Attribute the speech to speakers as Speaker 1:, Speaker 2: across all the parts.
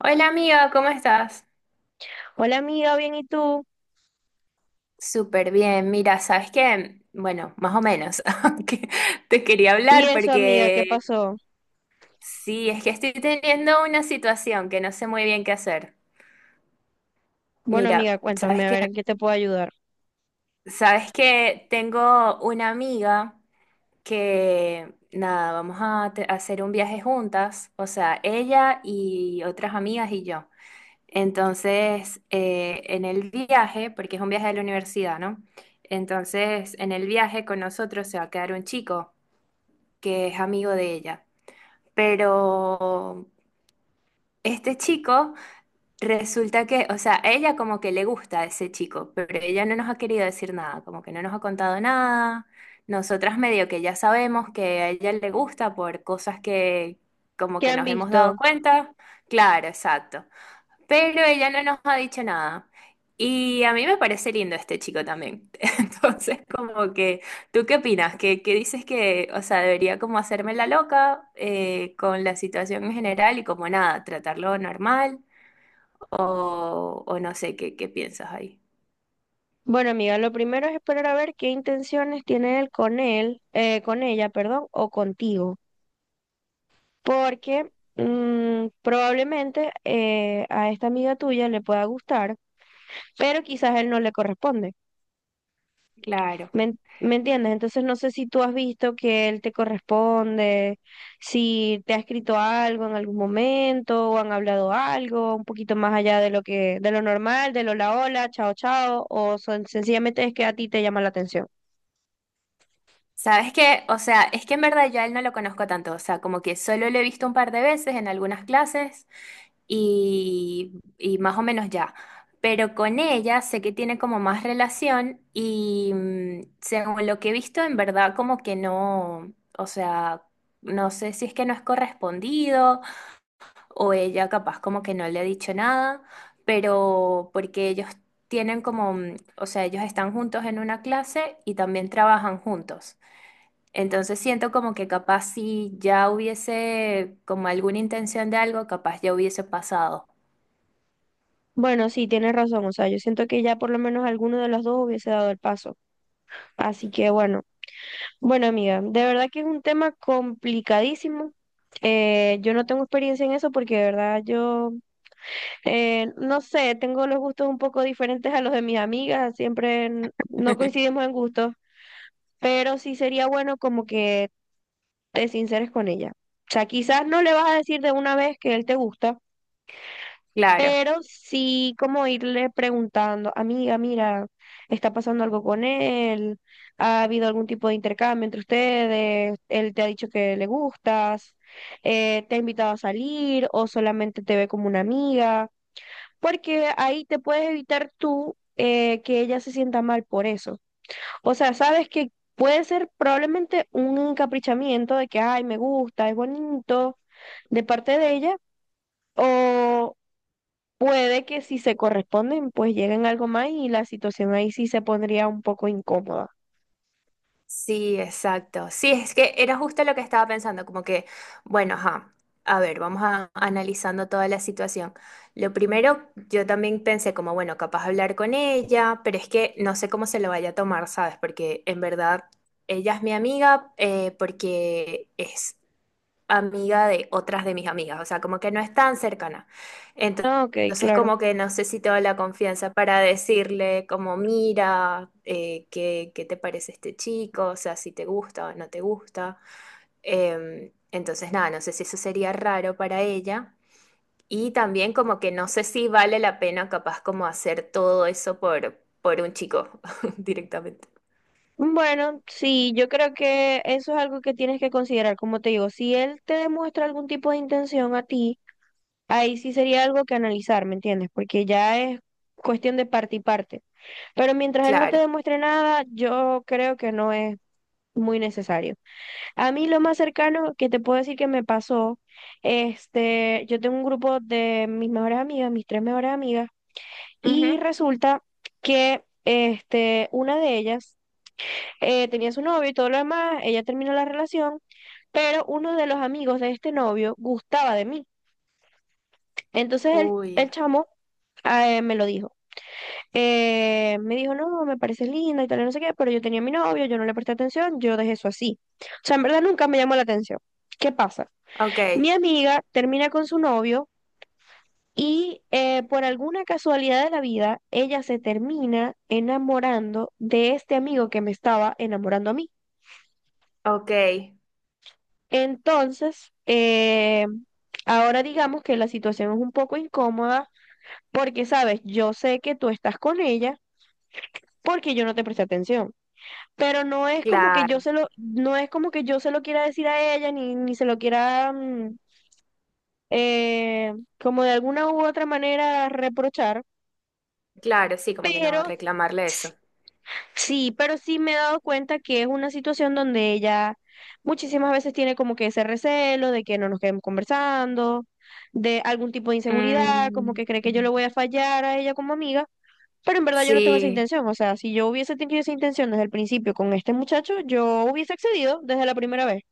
Speaker 1: Hola amiga, ¿cómo estás?
Speaker 2: Hola amiga, bien, ¿y tú?
Speaker 1: Súper bien, mira, ¿sabes qué? Bueno, más o menos, aunque te quería
Speaker 2: ¿Y
Speaker 1: hablar
Speaker 2: eso amiga, qué
Speaker 1: porque
Speaker 2: pasó?
Speaker 1: sí, es que estoy teniendo una situación que no sé muy bien qué hacer.
Speaker 2: Bueno amiga,
Speaker 1: Mira, ¿sabes
Speaker 2: cuéntame a
Speaker 1: qué?
Speaker 2: ver en qué te puedo ayudar.
Speaker 1: Tengo una amiga que, nada, a hacer un viaje juntas, o sea, ella y otras amigas y yo. Entonces, en el viaje, porque es un viaje de la universidad, ¿no? Entonces, en el viaje con nosotros se va a quedar un chico que es amigo de ella. Pero este chico resulta que, o sea, ella como que le gusta a ese chico, pero ella no nos ha querido decir nada, como que no nos ha contado nada. Nosotras medio que ya sabemos que a ella le gusta por cosas que como
Speaker 2: ¿Qué
Speaker 1: que
Speaker 2: han
Speaker 1: nos hemos dado
Speaker 2: visto?
Speaker 1: cuenta. Claro, exacto. Pero ella no nos ha dicho nada. Y a mí me parece lindo este chico también. Entonces, como que, ¿tú qué opinas? ¿Qué, qué dices que, o sea, debería como hacerme la loca con la situación en general y como nada, tratarlo normal? O no sé, ¿qué, qué piensas ahí?
Speaker 2: Bueno amiga, lo primero es esperar a ver qué intenciones tiene él, con ella, perdón, o contigo, porque probablemente a esta amiga tuya le pueda gustar, pero quizás él no le corresponde.
Speaker 1: Claro.
Speaker 2: ¿ me entiendes? Entonces no sé si tú has visto que él te corresponde, si te ha escrito algo en algún momento o han hablado algo un poquito más allá de de lo normal, de lo hola hola, chao chao, o son, sencillamente es que a ti te llama la atención.
Speaker 1: ¿Sabes qué? O sea, es que en verdad yo a él no lo conozco tanto, o sea, como que solo lo he visto un par de veces en algunas clases y más o menos ya. Pero con ella sé que tiene como más relación y según lo que he visto, en verdad como que no, o sea, no sé si es que no es correspondido o ella capaz como que no le ha dicho nada, pero porque ellos tienen como, o sea, ellos están juntos en una clase y también trabajan juntos. Entonces siento como que capaz si ya hubiese como alguna intención de algo, capaz ya hubiese pasado.
Speaker 2: Bueno, sí, tienes razón, o sea, yo siento que ya por lo menos alguno de los dos hubiese dado el paso. Así que bueno amiga, de verdad que es un tema complicadísimo. Yo no tengo experiencia en eso porque de verdad yo. No sé, tengo los gustos un poco diferentes a los de mis amigas, siempre no coincidimos en gustos, pero sí sería bueno como que te sinceres con ella. O sea, quizás no le vas a decir de una vez que él te gusta,
Speaker 1: Claro,
Speaker 2: pero sí como irle preguntando, amiga, mira, está pasando algo con él, ha habido algún tipo de intercambio entre ustedes, él te ha dicho que le gustas, te ha invitado a salir o solamente te ve como una amiga porque ahí te puedes evitar tú, que ella se sienta mal por eso. O sea, sabes que puede ser probablemente un encaprichamiento de que, ay, me gusta, es bonito de parte de ella, o puede que si se corresponden, pues lleguen algo más y la situación ahí sí se pondría un poco incómoda.
Speaker 1: sí, exacto. Sí, es que era justo lo que estaba pensando, como que, bueno, ajá, a ver, vamos a, analizando toda la situación. Lo primero, yo también pensé como, bueno, capaz hablar con ella, pero es que no sé cómo se lo vaya a tomar, ¿sabes? Porque en verdad ella es mi amiga, porque es amiga de otras de mis amigas, o sea, como que no es tan cercana. Ento-
Speaker 2: Ah, ok,
Speaker 1: Entonces,
Speaker 2: claro.
Speaker 1: como que no sé si tengo la confianza para decirle, como, mira, qué, qué te parece este chico, o sea, si te gusta o no te gusta. Entonces, nada, no sé si eso sería raro para ella. Y también como que no sé si vale la pena capaz como hacer todo eso por un chico directamente.
Speaker 2: Bueno, sí, yo creo que eso es algo que tienes que considerar. Como te digo, si él te demuestra algún tipo de intención a ti, ahí sí sería algo que analizar, ¿me entiendes? Porque ya es cuestión de parte y parte. Pero mientras él no te
Speaker 1: Claro.
Speaker 2: demuestre nada, yo creo que no es muy necesario. A mí lo más cercano que te puedo decir que me pasó, este, yo tengo un grupo de mis mejores amigas, mis tres mejores amigas, y
Speaker 1: Ujú.
Speaker 2: resulta que este, una de ellas, tenía su novio y todo lo demás, ella terminó la relación, pero uno de los amigos de este novio gustaba de mí. Entonces
Speaker 1: Uy,
Speaker 2: el chamo me lo dijo. Me dijo, no, me parece linda y tal, y no sé qué, pero yo tenía mi novio, yo no le presté atención, yo dejé eso así. O sea, en verdad nunca me llamó la atención. ¿Qué pasa?
Speaker 1: ok,
Speaker 2: Mi amiga termina con su novio y por alguna casualidad de la vida, ella se termina enamorando de este amigo que me estaba enamorando a mí.
Speaker 1: ok,
Speaker 2: Entonces, ahora digamos que la situación es un poco incómoda porque, sabes, yo sé que tú estás con ella porque yo no te presté atención. Pero no es como que
Speaker 1: claro.
Speaker 2: no es como que yo se lo quiera decir a ella, ni se lo quiera eh, como de alguna u otra manera reprochar,
Speaker 1: Claro, sí, como que no
Speaker 2: pero
Speaker 1: reclamarle eso.
Speaker 2: sí, pero sí me he dado cuenta que es una situación donde ella muchísimas veces tiene como que ese recelo de que no nos quedemos conversando, de algún tipo de inseguridad, como
Speaker 1: Mm,
Speaker 2: que cree que yo le voy a fallar a ella como amiga. Pero en verdad yo no tengo esa
Speaker 1: sí,
Speaker 2: intención, o sea, si yo hubiese tenido esa intención desde el principio con este muchacho, yo hubiese accedido desde la primera vez.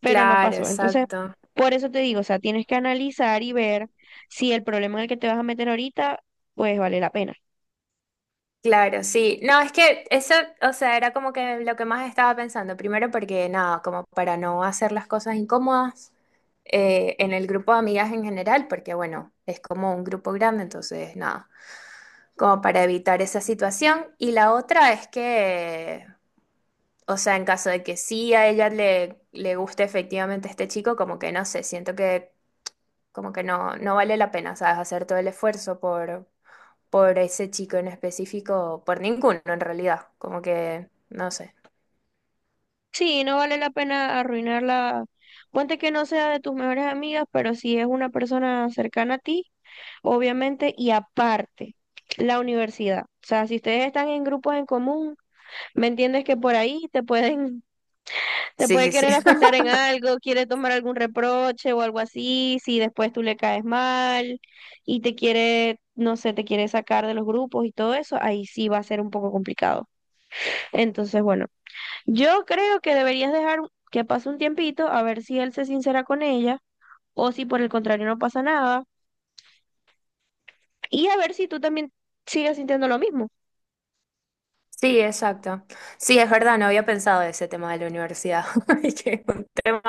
Speaker 2: Pero no
Speaker 1: claro,
Speaker 2: pasó. Entonces,
Speaker 1: exacto.
Speaker 2: por eso te digo, o sea, tienes que analizar y ver si el problema en el que te vas a meter ahorita, pues vale la pena.
Speaker 1: Claro, sí. No, es que eso, o sea, era como que lo que más estaba pensando. Primero porque nada, como para no hacer las cosas incómodas en el grupo de amigas en general, porque bueno, es como un grupo grande, entonces nada, como para evitar esa situación. Y la otra es que, o sea, en caso de que sí a ella le, le guste efectivamente este chico, como que no sé, siento que como que no, no vale la pena, ¿sabes? Hacer todo el esfuerzo por ese chico en específico, por ninguno en realidad. Como que, no sé.
Speaker 2: Sí, no vale la pena arruinarla. Ponte que no sea de tus mejores amigas, pero si es una persona cercana a ti, obviamente, y aparte, la universidad. O sea, si ustedes están en grupos en común, ¿me entiendes? Que por ahí te pueden. Te
Speaker 1: Sí,
Speaker 2: puede
Speaker 1: sí, sí.
Speaker 2: querer afectar en algo, quiere tomar algún reproche o algo así, si después tú le caes mal y te quiere, no sé, te quiere sacar de los grupos y todo eso, ahí sí va a ser un poco complicado. Entonces, bueno, yo creo que deberías dejar que pase un tiempito a ver si él se sincera con ella o si por el contrario no pasa nada y a ver si tú también sigues sintiendo lo mismo.
Speaker 1: Sí, exacto. Sí, es verdad, no había pensado de ese tema de la universidad, y que es un tema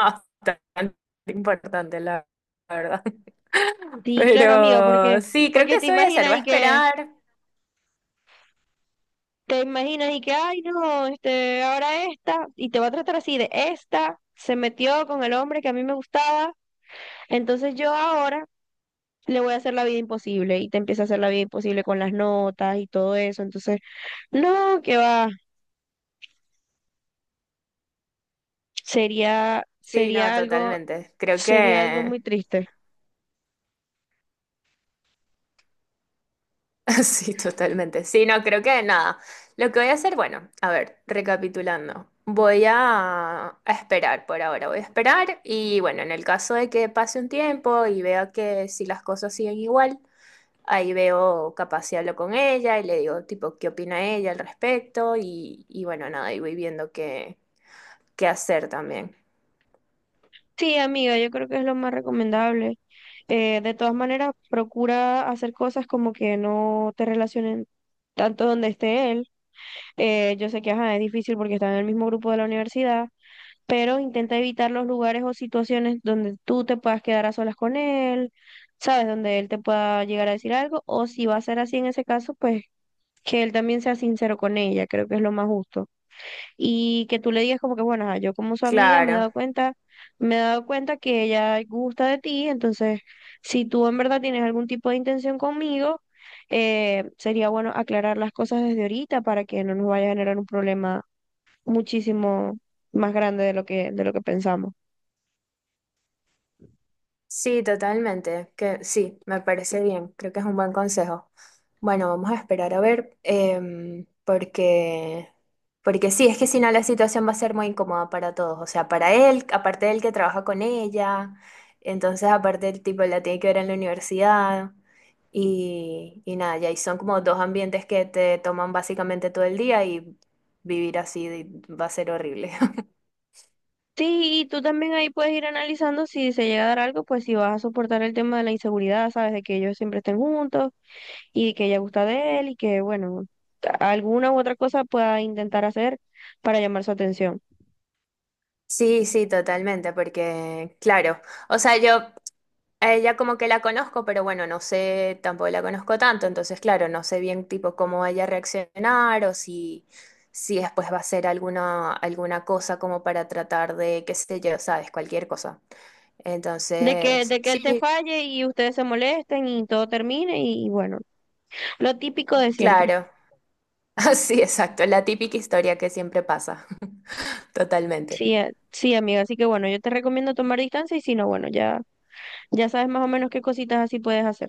Speaker 1: bastante importante, la verdad.
Speaker 2: Sí, claro, amiga, porque
Speaker 1: Pero sí, creo que
Speaker 2: porque te
Speaker 1: eso voy a hacer,
Speaker 2: imaginas
Speaker 1: voy a
Speaker 2: y que
Speaker 1: esperar.
Speaker 2: te imaginas y que, ay, no, este, ahora esta, y te va a tratar así de esta, se metió con el hombre que a mí me gustaba, entonces yo ahora le voy a hacer la vida imposible y te empieza a hacer la vida imposible con las notas y todo eso, entonces, no, que va, sería,
Speaker 1: Sí, no,
Speaker 2: sería algo,
Speaker 1: totalmente. Creo
Speaker 2: sería algo muy
Speaker 1: que
Speaker 2: triste.
Speaker 1: sí, totalmente. Sí, no, creo que nada. Lo que voy a hacer, bueno, a ver, recapitulando. Voy a esperar por ahora, voy a esperar y bueno, en el caso de que pase un tiempo y vea que si las cosas siguen igual, ahí veo capaz si hablo con ella y le digo tipo qué opina ella al respecto y bueno, nada, y voy viendo qué, qué hacer también.
Speaker 2: Sí, amiga, yo creo que es lo más recomendable. De todas maneras, procura hacer cosas como que no te relacionen tanto donde esté él. Yo sé que ajá, es difícil porque están en el mismo grupo de la universidad, pero intenta evitar los lugares o situaciones donde tú te puedas quedar a solas con él, ¿sabes? Donde él te pueda llegar a decir algo, o si va a ser así en ese caso, pues que él también sea sincero con ella, creo que es lo más justo y que tú le digas como que, bueno, ajá, yo como su amiga me he
Speaker 1: Claro.
Speaker 2: dado cuenta, me he dado cuenta que ella gusta de ti, entonces si tú en verdad tienes algún tipo de intención conmigo, sería bueno aclarar las cosas desde ahorita para que no nos vaya a generar un problema muchísimo más grande de de lo que pensamos.
Speaker 1: Sí, totalmente. Que sí, me parece bien. Creo que es un buen consejo. Bueno, vamos a esperar a ver, porque, porque sí, es que si no la situación va a ser muy incómoda para todos. O sea, para él, aparte del que trabaja con ella, entonces aparte el tipo la tiene que ver en la universidad y nada, ya y son como dos ambientes que te toman básicamente todo el día y vivir así de- va a ser horrible.
Speaker 2: Sí, y tú también ahí puedes ir analizando si se llega a dar algo, pues si vas a soportar el tema de la inseguridad, sabes, de que ellos siempre estén juntos y que ella gusta de él y que, bueno, alguna u otra cosa pueda intentar hacer para llamar su atención.
Speaker 1: Sí, sí, totalmente, porque claro. O sea, yo a ella como que la conozco, pero bueno, no sé, tampoco la conozco tanto, entonces claro, no sé bien tipo cómo vaya a reaccionar o si, si después va a hacer alguna, alguna cosa como para tratar de, qué sé yo, sabes, cualquier cosa. Entonces,
Speaker 2: De que él te
Speaker 1: sí,
Speaker 2: falle y ustedes se molesten y todo termine y bueno, lo típico de siempre.
Speaker 1: claro, sí, exacto, la típica historia que siempre pasa, totalmente.
Speaker 2: Sí, sí, amiga, así que bueno, yo te recomiendo tomar distancia y si no, bueno, ya, ya sabes más o menos qué cositas así puedes hacer.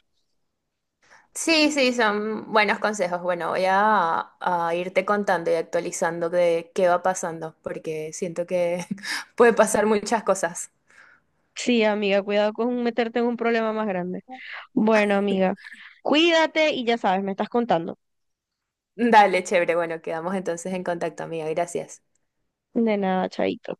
Speaker 1: Sí, sí, son buenos consejos. Bueno, voy a irte contando y actualizando de qué va pasando, porque siento que puede pasar muchas cosas.
Speaker 2: Sí, amiga, cuidado con meterte en un problema más grande. Bueno, amiga, cuídate y ya sabes, me estás contando.
Speaker 1: Dale, chévere. Bueno, quedamos entonces en contacto, amiga. Gracias.
Speaker 2: De nada, chaito.